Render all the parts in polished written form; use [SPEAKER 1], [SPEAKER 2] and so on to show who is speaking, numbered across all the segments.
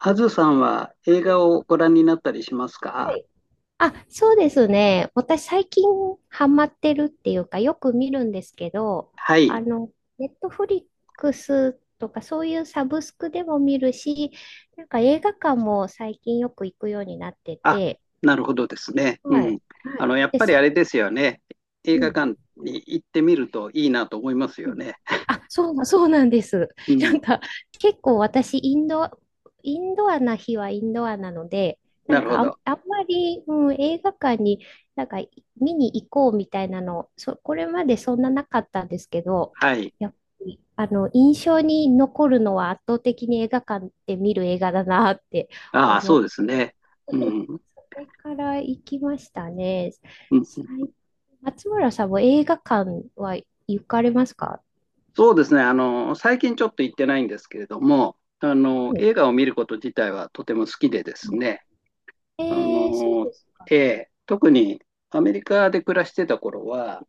[SPEAKER 1] あずさんは映画をご覧になったりします
[SPEAKER 2] は
[SPEAKER 1] か？
[SPEAKER 2] い。あ、そうですね。私最近ハマってるっていうか、よく見るんですけど、
[SPEAKER 1] は
[SPEAKER 2] あ
[SPEAKER 1] い。
[SPEAKER 2] の、ネットフリックスとかそういうサブスクでも見るし、なんか映画館も最近よく行くようになって
[SPEAKER 1] あ、
[SPEAKER 2] て、
[SPEAKER 1] なるほどですね。
[SPEAKER 2] は
[SPEAKER 1] うん。
[SPEAKER 2] い。はい。
[SPEAKER 1] やっ
[SPEAKER 2] で、
[SPEAKER 1] ぱりあれですよね。映
[SPEAKER 2] う
[SPEAKER 1] 画
[SPEAKER 2] ん、
[SPEAKER 1] 館に行ってみるといいなと思います
[SPEAKER 2] う
[SPEAKER 1] よ
[SPEAKER 2] ん、
[SPEAKER 1] ね。
[SPEAKER 2] あ、そうなんです。
[SPEAKER 1] う
[SPEAKER 2] なん
[SPEAKER 1] ん。
[SPEAKER 2] か、結構私、インドアな日はインドアなので、な
[SPEAKER 1] な
[SPEAKER 2] ん
[SPEAKER 1] るほ
[SPEAKER 2] かあん、
[SPEAKER 1] ど。
[SPEAKER 2] あんまり、映画館に、なんか、見に行こうみたいなの、これまでそんななかったんですけど、
[SPEAKER 1] はい。
[SPEAKER 2] やっぱり、あの、印象に残るのは圧倒的に映画館で見る映画だなって
[SPEAKER 1] ああ、
[SPEAKER 2] 思
[SPEAKER 1] そ
[SPEAKER 2] っ
[SPEAKER 1] うです
[SPEAKER 2] て、
[SPEAKER 1] ね。うん。
[SPEAKER 2] それから行きましたね。
[SPEAKER 1] うん、
[SPEAKER 2] 最松村さんも映画館は行かれますか？
[SPEAKER 1] そうですね。最近ちょっと行ってないんですけれども、
[SPEAKER 2] はい。
[SPEAKER 1] 映画を見ること自体はとても好きでですね。あ
[SPEAKER 2] ええ、そう
[SPEAKER 1] の、
[SPEAKER 2] ですか。
[SPEAKER 1] で、特にアメリカで暮らしてた頃は、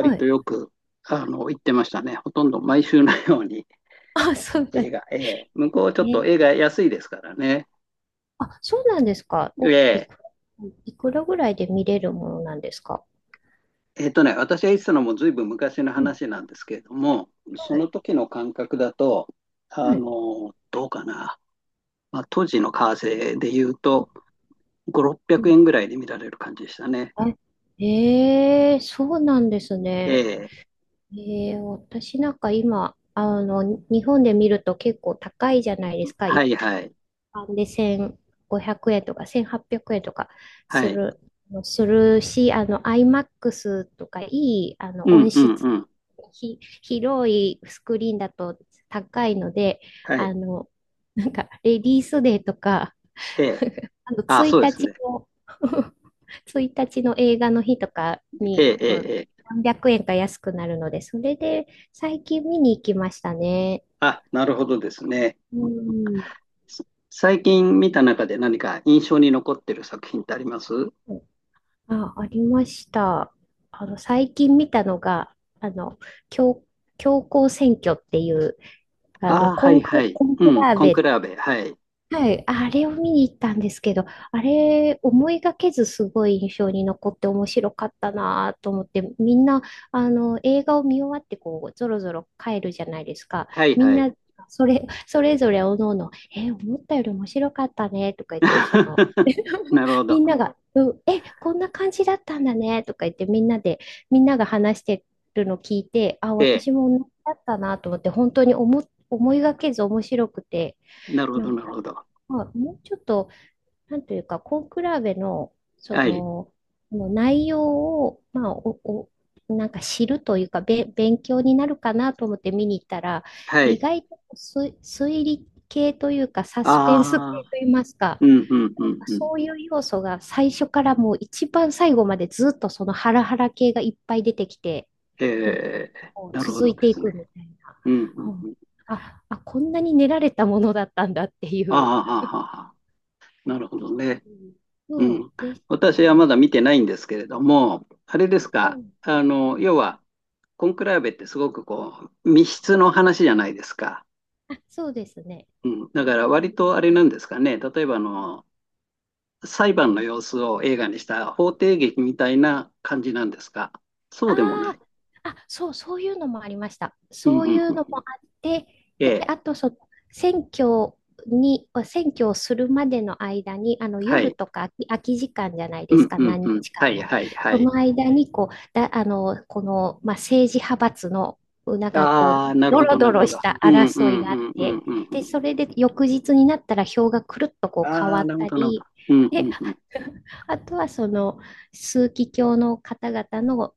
[SPEAKER 2] は
[SPEAKER 1] と
[SPEAKER 2] い。
[SPEAKER 1] よく、行ってましたね。ほとんど毎週のように
[SPEAKER 2] あ、そう だ。え
[SPEAKER 1] 映画、えー向こうちょっと
[SPEAKER 2] え、
[SPEAKER 1] 映画安いですからね。
[SPEAKER 2] あ、そうなんですか。お、
[SPEAKER 1] で、
[SPEAKER 2] いくらぐらいで見れるものなんですか？
[SPEAKER 1] 私が言ってたのもずいぶん昔の
[SPEAKER 2] うん。
[SPEAKER 1] 話なんですけれども、そ
[SPEAKER 2] はい。
[SPEAKER 1] の時の感覚だと、
[SPEAKER 2] はい。
[SPEAKER 1] どうかな。まあ、当時の為替で言うと、5、600
[SPEAKER 2] うん、
[SPEAKER 1] 円ぐらいで見られる感じでしたね。
[SPEAKER 2] あ、ええ、そうなんです
[SPEAKER 1] え
[SPEAKER 2] ね。
[SPEAKER 1] え、
[SPEAKER 2] ええ、私なんか今、あの、日本で見ると結構高いじゃないですか。
[SPEAKER 1] はいはい。
[SPEAKER 2] で、1500円とか1800円とか
[SPEAKER 1] は
[SPEAKER 2] す
[SPEAKER 1] い。
[SPEAKER 2] る、するし、あの、IMAX とかいい、あ
[SPEAKER 1] う
[SPEAKER 2] の、
[SPEAKER 1] ん
[SPEAKER 2] 音
[SPEAKER 1] うんう
[SPEAKER 2] 質、
[SPEAKER 1] ん。
[SPEAKER 2] 広いスクリーンだと高いので、
[SPEAKER 1] は
[SPEAKER 2] あ
[SPEAKER 1] い。
[SPEAKER 2] の、なんか、レディースデーとか、
[SPEAKER 1] ええ、
[SPEAKER 2] あの、
[SPEAKER 1] あ、そ
[SPEAKER 2] 1
[SPEAKER 1] うですね。
[SPEAKER 2] 日の 1日の映画の日とか
[SPEAKER 1] え
[SPEAKER 2] に、
[SPEAKER 1] え、え
[SPEAKER 2] こ
[SPEAKER 1] え、
[SPEAKER 2] う、
[SPEAKER 1] ええ。
[SPEAKER 2] 何百円か安くなるので、それで最近見に行きましたね。
[SPEAKER 1] あ、なるほどですね。
[SPEAKER 2] うん。
[SPEAKER 1] 最近見た中で何か印象に残ってる作品ってあります？
[SPEAKER 2] あ、ありました。あの、最近見たのが、あの、教、教皇選挙っていう、あの、
[SPEAKER 1] ああ、はいはい。
[SPEAKER 2] コン
[SPEAKER 1] う
[SPEAKER 2] ク
[SPEAKER 1] ん、
[SPEAKER 2] ラー
[SPEAKER 1] コン
[SPEAKER 2] ベ
[SPEAKER 1] ク
[SPEAKER 2] っ、
[SPEAKER 1] ラーベ。はい。
[SPEAKER 2] はい、あれを見に行ったんですけど、あれ思いがけずすごい印象に残って面白かったなと思って、みんなあの映画を見終わってこうぞろぞろ帰るじゃないですか。
[SPEAKER 1] はい
[SPEAKER 2] みん
[SPEAKER 1] はい。
[SPEAKER 2] なそれぞれおのおの、思ったより面白かったねとか言って、その
[SPEAKER 1] なるほ
[SPEAKER 2] み
[SPEAKER 1] ど。
[SPEAKER 2] んなが、うん、こんな感じだったんだねとか言ってみんなで、みんなが話してるの聞いて、あ、
[SPEAKER 1] ええ、
[SPEAKER 2] 私も同じだったなと思って、本当に思いがけず面白くて。
[SPEAKER 1] なるほ
[SPEAKER 2] な
[SPEAKER 1] ど、
[SPEAKER 2] ん
[SPEAKER 1] なる
[SPEAKER 2] か、
[SPEAKER 1] ほど。
[SPEAKER 2] まあ、もうちょっと、なんというか、根比べの、そ
[SPEAKER 1] はい。
[SPEAKER 2] の、もう内容を、まあ、なんか知るというか、勉強になるかなと思って見に行ったら、
[SPEAKER 1] は
[SPEAKER 2] 意
[SPEAKER 1] い。
[SPEAKER 2] 外と推理系というか、サスペンス
[SPEAKER 1] あ
[SPEAKER 2] 系
[SPEAKER 1] あ、
[SPEAKER 2] といいますか、
[SPEAKER 1] うん、うん、うん、うん。
[SPEAKER 2] そういう要素が最初からもう一番最後までずっとそのハラハラ系がいっぱい出てきて、
[SPEAKER 1] え
[SPEAKER 2] なんか、
[SPEAKER 1] え、
[SPEAKER 2] こう
[SPEAKER 1] なるほ
[SPEAKER 2] 続
[SPEAKER 1] ど
[SPEAKER 2] い
[SPEAKER 1] で
[SPEAKER 2] てい
[SPEAKER 1] す
[SPEAKER 2] く
[SPEAKER 1] ね。
[SPEAKER 2] みたい
[SPEAKER 1] うん、う
[SPEAKER 2] な。う
[SPEAKER 1] ん、う
[SPEAKER 2] ん、
[SPEAKER 1] ん。
[SPEAKER 2] あ、こんなに練られたものだったんだってい
[SPEAKER 1] ああ、
[SPEAKER 2] う。
[SPEAKER 1] はあはあはあ、なるほ
[SPEAKER 2] び
[SPEAKER 1] ど
[SPEAKER 2] っ
[SPEAKER 1] ね。
[SPEAKER 2] くり。
[SPEAKER 1] うん。
[SPEAKER 2] です
[SPEAKER 1] 私はま
[SPEAKER 2] ね。
[SPEAKER 1] だ見てないんですけれども、あれで
[SPEAKER 2] あ、
[SPEAKER 1] す
[SPEAKER 2] そ
[SPEAKER 1] か、
[SPEAKER 2] う。うん、
[SPEAKER 1] 要は、コンクラーベってすごくこう、密室の話じゃないですか。
[SPEAKER 2] あ、そうですね。
[SPEAKER 1] うん。だから割とあれなんですかね、例えば裁
[SPEAKER 2] う
[SPEAKER 1] 判の
[SPEAKER 2] ん、
[SPEAKER 1] 様子を映画にした法廷劇みたいな感じなんですか。そうでもな
[SPEAKER 2] あ
[SPEAKER 1] い？
[SPEAKER 2] あ、そういうのもありました。
[SPEAKER 1] うん
[SPEAKER 2] そ
[SPEAKER 1] う
[SPEAKER 2] うい
[SPEAKER 1] んう
[SPEAKER 2] うの
[SPEAKER 1] ん。
[SPEAKER 2] もあって、
[SPEAKER 1] え
[SPEAKER 2] で、
[SPEAKER 1] え。
[SPEAKER 2] あとその選挙選挙をするまでの間に、あの
[SPEAKER 1] は
[SPEAKER 2] 夜
[SPEAKER 1] い。
[SPEAKER 2] とか空き時間じゃないで
[SPEAKER 1] う
[SPEAKER 2] す
[SPEAKER 1] ん
[SPEAKER 2] か、
[SPEAKER 1] うん
[SPEAKER 2] 何
[SPEAKER 1] うん。
[SPEAKER 2] 日
[SPEAKER 1] は
[SPEAKER 2] 間
[SPEAKER 1] い
[SPEAKER 2] ない。
[SPEAKER 1] はいは
[SPEAKER 2] そ
[SPEAKER 1] い。
[SPEAKER 2] の間にこう、だ、あの、この、まあ、政治派閥の、なんかこう、
[SPEAKER 1] ああ、なる
[SPEAKER 2] ド
[SPEAKER 1] ほ
[SPEAKER 2] ロ
[SPEAKER 1] どな
[SPEAKER 2] ド
[SPEAKER 1] る
[SPEAKER 2] ロ
[SPEAKER 1] ほど。
[SPEAKER 2] した
[SPEAKER 1] うんう
[SPEAKER 2] 争い
[SPEAKER 1] ん
[SPEAKER 2] があ
[SPEAKER 1] う
[SPEAKER 2] っ
[SPEAKER 1] んうん
[SPEAKER 2] て、
[SPEAKER 1] うんう
[SPEAKER 2] で、
[SPEAKER 1] ん。
[SPEAKER 2] それで翌日になったら票がくるっとこう変
[SPEAKER 1] あ
[SPEAKER 2] わ
[SPEAKER 1] あ、
[SPEAKER 2] っ
[SPEAKER 1] なるほ
[SPEAKER 2] た
[SPEAKER 1] どなるほど。
[SPEAKER 2] り、
[SPEAKER 1] うんう
[SPEAKER 2] で、
[SPEAKER 1] んうん。
[SPEAKER 2] あとはその、枢機卿の方々の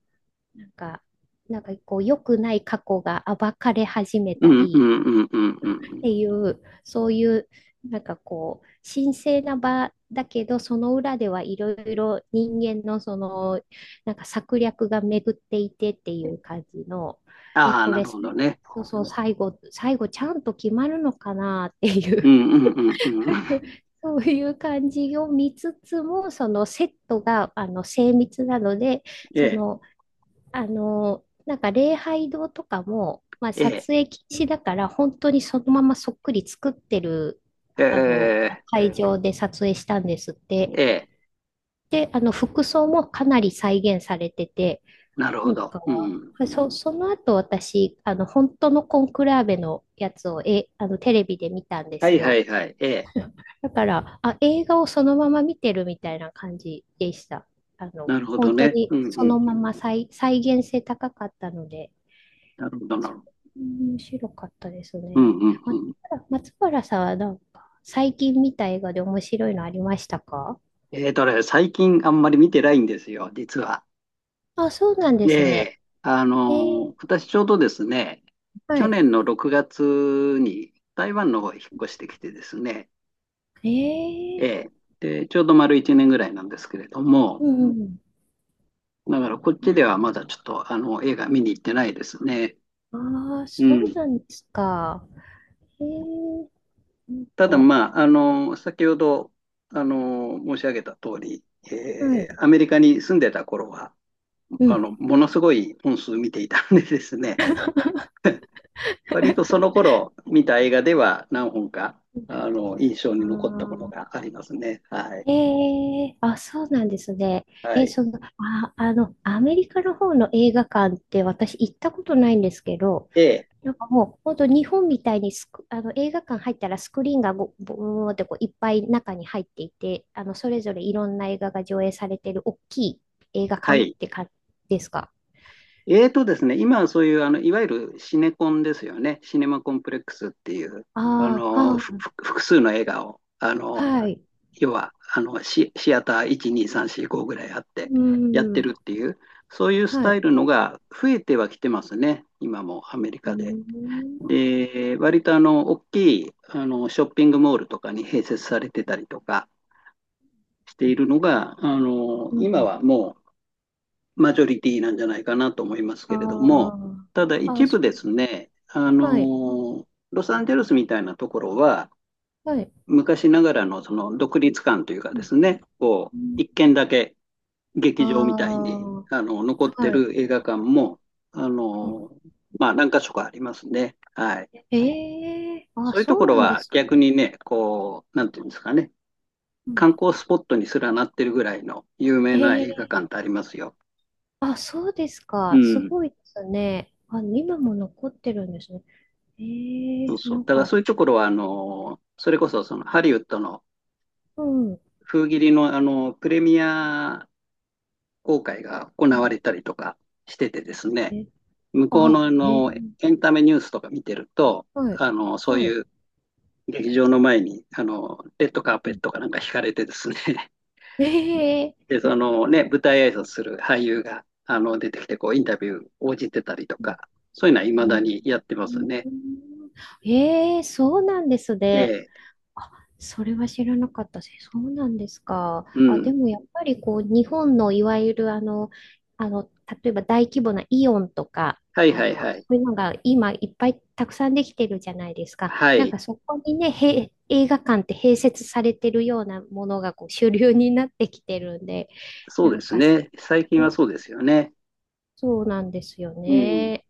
[SPEAKER 2] なんか、なんかこう、良くない過去が暴かれ始め
[SPEAKER 1] う
[SPEAKER 2] た
[SPEAKER 1] んうんう
[SPEAKER 2] り
[SPEAKER 1] んうんうんう
[SPEAKER 2] っ
[SPEAKER 1] ん。
[SPEAKER 2] ていう、そういう、なんかこう、神聖な場だけど、その裏ではいろいろ人間のその、なんか策略が巡っていてっていう感じの、え、
[SPEAKER 1] ああ、
[SPEAKER 2] こ
[SPEAKER 1] な
[SPEAKER 2] れ、
[SPEAKER 1] る
[SPEAKER 2] そ
[SPEAKER 1] ほどね。
[SPEAKER 2] うそう、最後ちゃんと決まるのかなってい
[SPEAKER 1] う
[SPEAKER 2] う
[SPEAKER 1] んうんうんうん。
[SPEAKER 2] そういう感じを見つつも、そのセットがあの精密なので、
[SPEAKER 1] え
[SPEAKER 2] そ
[SPEAKER 1] え、
[SPEAKER 2] のなんか礼拝堂とかも、まあ、
[SPEAKER 1] え
[SPEAKER 2] 撮
[SPEAKER 1] え、
[SPEAKER 2] 影禁止だから、本当にそのままそっくり作ってる、
[SPEAKER 1] え
[SPEAKER 2] あの、
[SPEAKER 1] え、
[SPEAKER 2] 会場で撮影したんですって。
[SPEAKER 1] ええ、
[SPEAKER 2] で、あの、服装もかなり再現されてて、
[SPEAKER 1] なる
[SPEAKER 2] な
[SPEAKER 1] ほ
[SPEAKER 2] ん
[SPEAKER 1] ど。
[SPEAKER 2] か、
[SPEAKER 1] うん。
[SPEAKER 2] その後私、あの、本当のコンクラーベのやつを、あの、テレビで見たんで
[SPEAKER 1] は
[SPEAKER 2] す
[SPEAKER 1] いは
[SPEAKER 2] よ。
[SPEAKER 1] いはい。ええ、
[SPEAKER 2] だから、あ、映画をそのまま見てるみたいな感じでした。あの、
[SPEAKER 1] なるほど
[SPEAKER 2] 本当
[SPEAKER 1] ね。
[SPEAKER 2] に
[SPEAKER 1] うん
[SPEAKER 2] そ
[SPEAKER 1] う
[SPEAKER 2] のま
[SPEAKER 1] ん。
[SPEAKER 2] ま再現性高かったので。
[SPEAKER 1] なるほどなるほど。
[SPEAKER 2] うん、面白かったです
[SPEAKER 1] うんうん
[SPEAKER 2] ね。
[SPEAKER 1] うん。
[SPEAKER 2] 松原さんはなんか最近見た映画で面白いのありましたか？
[SPEAKER 1] 最近あんまり見てないんですよ、実は。
[SPEAKER 2] あ、そうなんで
[SPEAKER 1] え
[SPEAKER 2] すね。
[SPEAKER 1] え、
[SPEAKER 2] えー、
[SPEAKER 1] 私ちょうどですね、
[SPEAKER 2] は
[SPEAKER 1] 去
[SPEAKER 2] い。
[SPEAKER 1] 年の6月に台湾の方へ引っ越してきてですね、え
[SPEAKER 2] え
[SPEAKER 1] え、で、ちょうど丸1年ぐらいなんですけれども、
[SPEAKER 2] うん、
[SPEAKER 1] だからこっちではまだちょっと映画見に行ってないですね。
[SPEAKER 2] うん。ああ、
[SPEAKER 1] う
[SPEAKER 2] そう
[SPEAKER 1] ん。
[SPEAKER 2] なんですか。えー、なん
[SPEAKER 1] ただ
[SPEAKER 2] か、
[SPEAKER 1] まあ、先ほど申し上げた通り、
[SPEAKER 2] はい。
[SPEAKER 1] アメリカに住んでた頃は、
[SPEAKER 2] うん。
[SPEAKER 1] ものすごい本数見ていたんでですね、割とその頃見た映画では何本か、印象
[SPEAKER 2] あ
[SPEAKER 1] に残ったもの
[SPEAKER 2] ー、
[SPEAKER 1] がありますね。はい。
[SPEAKER 2] えあ、そうなんですね。
[SPEAKER 1] はい。
[SPEAKER 2] その、あの、アメリカの方の映画館って私行ったことないんですけど、
[SPEAKER 1] で、
[SPEAKER 2] なんかもう、本当日本みたいにあの映画館入ったらスクリーンがぼぼーってこういっぱい中に入っていて、あのそれぞれいろんな映画が上映されてる大きい映画
[SPEAKER 1] は
[SPEAKER 2] 館っ
[SPEAKER 1] い。
[SPEAKER 2] て感じですか？
[SPEAKER 1] えーとですね、今はそういう、いわゆるシネコンですよね。シネマコンプレックスっていう、
[SPEAKER 2] ああ、
[SPEAKER 1] ふ
[SPEAKER 2] は
[SPEAKER 1] ふ複数の映画を、
[SPEAKER 2] あ、はい。
[SPEAKER 1] 要は、シアター1、2、3、4、5ぐらいあって、
[SPEAKER 2] う
[SPEAKER 1] やって
[SPEAKER 2] ん、
[SPEAKER 1] るっていう、そういうス
[SPEAKER 2] は
[SPEAKER 1] タ
[SPEAKER 2] い。
[SPEAKER 1] イルのが増えてはきてますね。今もアメリ
[SPEAKER 2] う
[SPEAKER 1] カで。
[SPEAKER 2] ん、
[SPEAKER 1] で、割と大きい、ショッピングモールとかに併設されてたりとかしているのが、
[SPEAKER 2] う
[SPEAKER 1] 今
[SPEAKER 2] ん、
[SPEAKER 1] はもマジョリティなんじゃないかなと思いますけれども、
[SPEAKER 2] あ
[SPEAKER 1] ただ
[SPEAKER 2] あ、ああ、
[SPEAKER 1] 一部ですね、
[SPEAKER 2] はい、
[SPEAKER 1] ロサンゼルスみたいなところは、
[SPEAKER 2] はい。
[SPEAKER 1] 昔ながらのその独立感というか
[SPEAKER 2] う
[SPEAKER 1] で
[SPEAKER 2] ん、
[SPEAKER 1] すね、こ
[SPEAKER 2] う
[SPEAKER 1] う、一
[SPEAKER 2] ん、
[SPEAKER 1] 軒だけ
[SPEAKER 2] あ
[SPEAKER 1] 劇場みたいに、
[SPEAKER 2] あ、
[SPEAKER 1] 残って
[SPEAKER 2] はい。
[SPEAKER 1] る映画館も、あ
[SPEAKER 2] うん、
[SPEAKER 1] の、まあ何か所かありますね。はい。
[SPEAKER 2] ええ、ああ、
[SPEAKER 1] そういうと
[SPEAKER 2] そ
[SPEAKER 1] こ
[SPEAKER 2] う
[SPEAKER 1] ろ
[SPEAKER 2] なんで
[SPEAKER 1] は
[SPEAKER 2] す
[SPEAKER 1] 逆
[SPEAKER 2] ね。
[SPEAKER 1] にね、こう、なんていうんですかね、
[SPEAKER 2] うん、
[SPEAKER 1] 観光スポットにすらなってるぐらいの有名
[SPEAKER 2] え
[SPEAKER 1] な映画
[SPEAKER 2] え、
[SPEAKER 1] 館ってありますよ。
[SPEAKER 2] あ、そうです
[SPEAKER 1] う
[SPEAKER 2] か。す
[SPEAKER 1] ん。
[SPEAKER 2] ごいですね。あ、今も残ってるんですね。
[SPEAKER 1] そうそう。
[SPEAKER 2] なん
[SPEAKER 1] だから
[SPEAKER 2] か、
[SPEAKER 1] そういうところは、それこそ、ハリウッドの
[SPEAKER 2] うん。う
[SPEAKER 1] 封切りの、プレミア公開が行わ
[SPEAKER 2] ん、
[SPEAKER 1] れたりとかしててですね、
[SPEAKER 2] え、
[SPEAKER 1] 向こう
[SPEAKER 2] あ、
[SPEAKER 1] の、
[SPEAKER 2] え
[SPEAKER 1] エ
[SPEAKER 2] ー、
[SPEAKER 1] ンタメニュースとか見てると、
[SPEAKER 2] はい、
[SPEAKER 1] そう
[SPEAKER 2] はい。
[SPEAKER 1] いう劇場の前に、レッドカー
[SPEAKER 2] う
[SPEAKER 1] ペッ
[SPEAKER 2] ん、
[SPEAKER 1] トかなんか引かれてですね、
[SPEAKER 2] え
[SPEAKER 1] で、
[SPEAKER 2] ー、
[SPEAKER 1] そのね、舞台挨拶する俳優が、出てきて、こう、インタビュー応じてたりとか、そういうのは未
[SPEAKER 2] う
[SPEAKER 1] だ
[SPEAKER 2] ん、
[SPEAKER 1] にやってま
[SPEAKER 2] う
[SPEAKER 1] す
[SPEAKER 2] ん、
[SPEAKER 1] ね。
[SPEAKER 2] そうなんです
[SPEAKER 1] え
[SPEAKER 2] ね。
[SPEAKER 1] え、
[SPEAKER 2] あ、それは知らなかったです。そうなんですか。
[SPEAKER 1] う
[SPEAKER 2] あ、で
[SPEAKER 1] ん。
[SPEAKER 2] もやっぱりこう、日本のいわゆるあの、例えば大規模なイオンとか、
[SPEAKER 1] はい
[SPEAKER 2] あ
[SPEAKER 1] はい
[SPEAKER 2] の、
[SPEAKER 1] はい。
[SPEAKER 2] そういうのが今いっぱいたくさんできてるじゃないですか。
[SPEAKER 1] は
[SPEAKER 2] なん
[SPEAKER 1] い。
[SPEAKER 2] かそこにね、映画館って併設されてるようなものがこう主流になってきてるんで、
[SPEAKER 1] そ
[SPEAKER 2] な
[SPEAKER 1] うで
[SPEAKER 2] ん
[SPEAKER 1] す
[SPEAKER 2] か、
[SPEAKER 1] ね。最近は
[SPEAKER 2] ね、
[SPEAKER 1] そうですよね。
[SPEAKER 2] そうなんですよ
[SPEAKER 1] うん。
[SPEAKER 2] ね。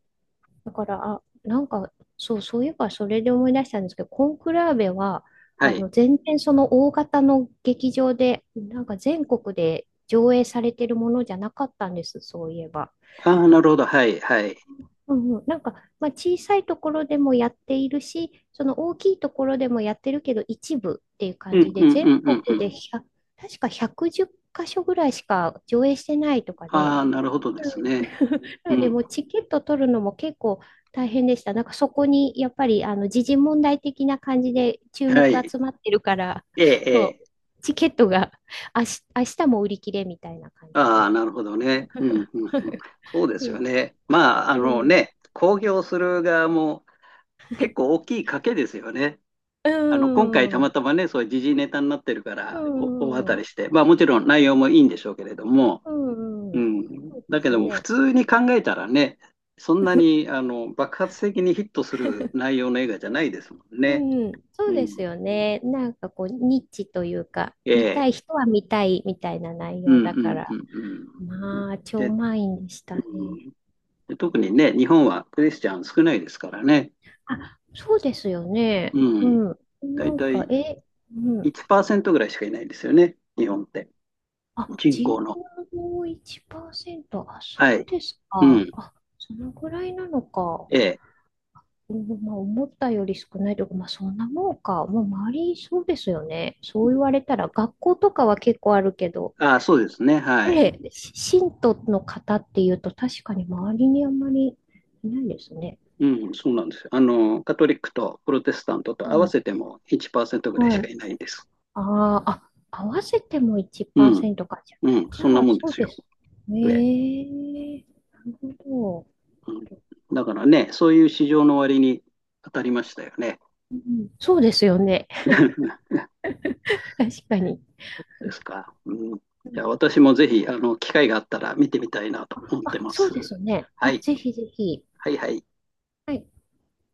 [SPEAKER 2] だから、あ、なんか、そういえばそれで思い出したんですけど、コンクラーベは、
[SPEAKER 1] は
[SPEAKER 2] あ
[SPEAKER 1] い。
[SPEAKER 2] の、全然その大型の劇場で、なんか全国で上映されてるものじゃなかったんです、そういえば。
[SPEAKER 1] ああ、なるほど。はい、はい。
[SPEAKER 2] うん、うん、なんか、まあ、小さいところでもやっているし、その大きいところでもやってるけど、一部っていう
[SPEAKER 1] う
[SPEAKER 2] 感
[SPEAKER 1] ん
[SPEAKER 2] じ
[SPEAKER 1] う
[SPEAKER 2] で、
[SPEAKER 1] んう
[SPEAKER 2] 全
[SPEAKER 1] んうんうん。
[SPEAKER 2] 国で1確か110箇所ぐらいしか上映してないとかで、
[SPEAKER 1] ああ、なるほどで
[SPEAKER 2] う
[SPEAKER 1] す
[SPEAKER 2] ん、
[SPEAKER 1] ね。
[SPEAKER 2] な
[SPEAKER 1] う
[SPEAKER 2] ので、
[SPEAKER 1] ん。
[SPEAKER 2] もうチケット取るのも結構大変でした。なんかそこにやっぱりあの時事問題的な感じで注目
[SPEAKER 1] はい。
[SPEAKER 2] 集まってるから、
[SPEAKER 1] ええ、
[SPEAKER 2] もう
[SPEAKER 1] ええ。
[SPEAKER 2] チケットが明日も売り切れみたいな感じ
[SPEAKER 1] ああ、
[SPEAKER 2] で。
[SPEAKER 1] なるほどね。うんうんう ん。そうですよ
[SPEAKER 2] で、
[SPEAKER 1] ね。まあ、あ
[SPEAKER 2] う
[SPEAKER 1] の
[SPEAKER 2] ん、
[SPEAKER 1] ね、公表する側も結構大きい賭けですよね。
[SPEAKER 2] う
[SPEAKER 1] 今回
[SPEAKER 2] ん、
[SPEAKER 1] た
[SPEAKER 2] う
[SPEAKER 1] ま
[SPEAKER 2] ん、
[SPEAKER 1] たまね、そういう時事ネタになってるから、大当たりして、まあもちろん内容もいいんでしょうけれども、
[SPEAKER 2] うん、
[SPEAKER 1] う
[SPEAKER 2] うん、
[SPEAKER 1] ん。
[SPEAKER 2] そうで
[SPEAKER 1] だけ
[SPEAKER 2] す
[SPEAKER 1] ども、普
[SPEAKER 2] ね。
[SPEAKER 1] 通に考えたらね、そんなに、爆発的にヒットする 内容の映画じゃないですもん
[SPEAKER 2] う
[SPEAKER 1] ね。
[SPEAKER 2] ん、そ
[SPEAKER 1] う
[SPEAKER 2] うです
[SPEAKER 1] ん。
[SPEAKER 2] よね。なんかこう、ニッチというか、
[SPEAKER 1] え
[SPEAKER 2] 見
[SPEAKER 1] え。
[SPEAKER 2] たい人は見たいみたいな内
[SPEAKER 1] う
[SPEAKER 2] 容
[SPEAKER 1] ん、う
[SPEAKER 2] だか
[SPEAKER 1] ん、う
[SPEAKER 2] ら。
[SPEAKER 1] ん、うん。
[SPEAKER 2] まあ、超
[SPEAKER 1] で、
[SPEAKER 2] 満員でした
[SPEAKER 1] う
[SPEAKER 2] ね。
[SPEAKER 1] ん、で、特にね、日本はクリスチャン少ないですからね。
[SPEAKER 2] あ、そうですよね。
[SPEAKER 1] う
[SPEAKER 2] う
[SPEAKER 1] ん。
[SPEAKER 2] ん。
[SPEAKER 1] だ
[SPEAKER 2] な
[SPEAKER 1] い
[SPEAKER 2] ん
[SPEAKER 1] た
[SPEAKER 2] か、
[SPEAKER 1] い
[SPEAKER 2] うん。
[SPEAKER 1] 1%ぐらいしかいないんですよね、日本って。
[SPEAKER 2] あ、
[SPEAKER 1] 人
[SPEAKER 2] 人
[SPEAKER 1] 口の。
[SPEAKER 2] 口の1%。あ、そ
[SPEAKER 1] は
[SPEAKER 2] う
[SPEAKER 1] い。
[SPEAKER 2] です
[SPEAKER 1] う
[SPEAKER 2] か。
[SPEAKER 1] ん。
[SPEAKER 2] あ、そのぐらいなのか。
[SPEAKER 1] ええ。
[SPEAKER 2] うん、まあ、思ったより少ないとか、まあ、そんなもんか。もう周り、そうですよね。そう言われたら、学校とかは結構あるけど、
[SPEAKER 1] ああ、そうですね。はい。
[SPEAKER 2] で、信徒の方っていうと、確かに周りにあんまりいないですね。
[SPEAKER 1] うん、そうなんですよ。カトリックとプロテスタント
[SPEAKER 2] う
[SPEAKER 1] と合わ
[SPEAKER 2] ん。
[SPEAKER 1] せても1%ぐらいし
[SPEAKER 2] は
[SPEAKER 1] か
[SPEAKER 2] い、
[SPEAKER 1] いないんです。
[SPEAKER 2] ああ、あ、合わせても
[SPEAKER 1] うん、
[SPEAKER 2] 1%か。じゃ
[SPEAKER 1] う
[SPEAKER 2] あ、
[SPEAKER 1] ん、
[SPEAKER 2] じ
[SPEAKER 1] そん
[SPEAKER 2] ゃ
[SPEAKER 1] な
[SPEAKER 2] あ
[SPEAKER 1] もんで
[SPEAKER 2] そう
[SPEAKER 1] す
[SPEAKER 2] で
[SPEAKER 1] よ。
[SPEAKER 2] す。
[SPEAKER 1] ね、
[SPEAKER 2] ええ、なるほ
[SPEAKER 1] うん、だからね、そういう市場の割に当たりましたよね。
[SPEAKER 2] ど。うん、そうですよね。確かに。
[SPEAKER 1] ですか。うん、い
[SPEAKER 2] うん、
[SPEAKER 1] や、私もぜひ、機会があったら見てみたいなと思って
[SPEAKER 2] あ、
[SPEAKER 1] ま
[SPEAKER 2] そう
[SPEAKER 1] す。
[SPEAKER 2] ですね。
[SPEAKER 1] は
[SPEAKER 2] あ、
[SPEAKER 1] い、
[SPEAKER 2] ぜひぜひ。
[SPEAKER 1] はい、はい。
[SPEAKER 2] はい。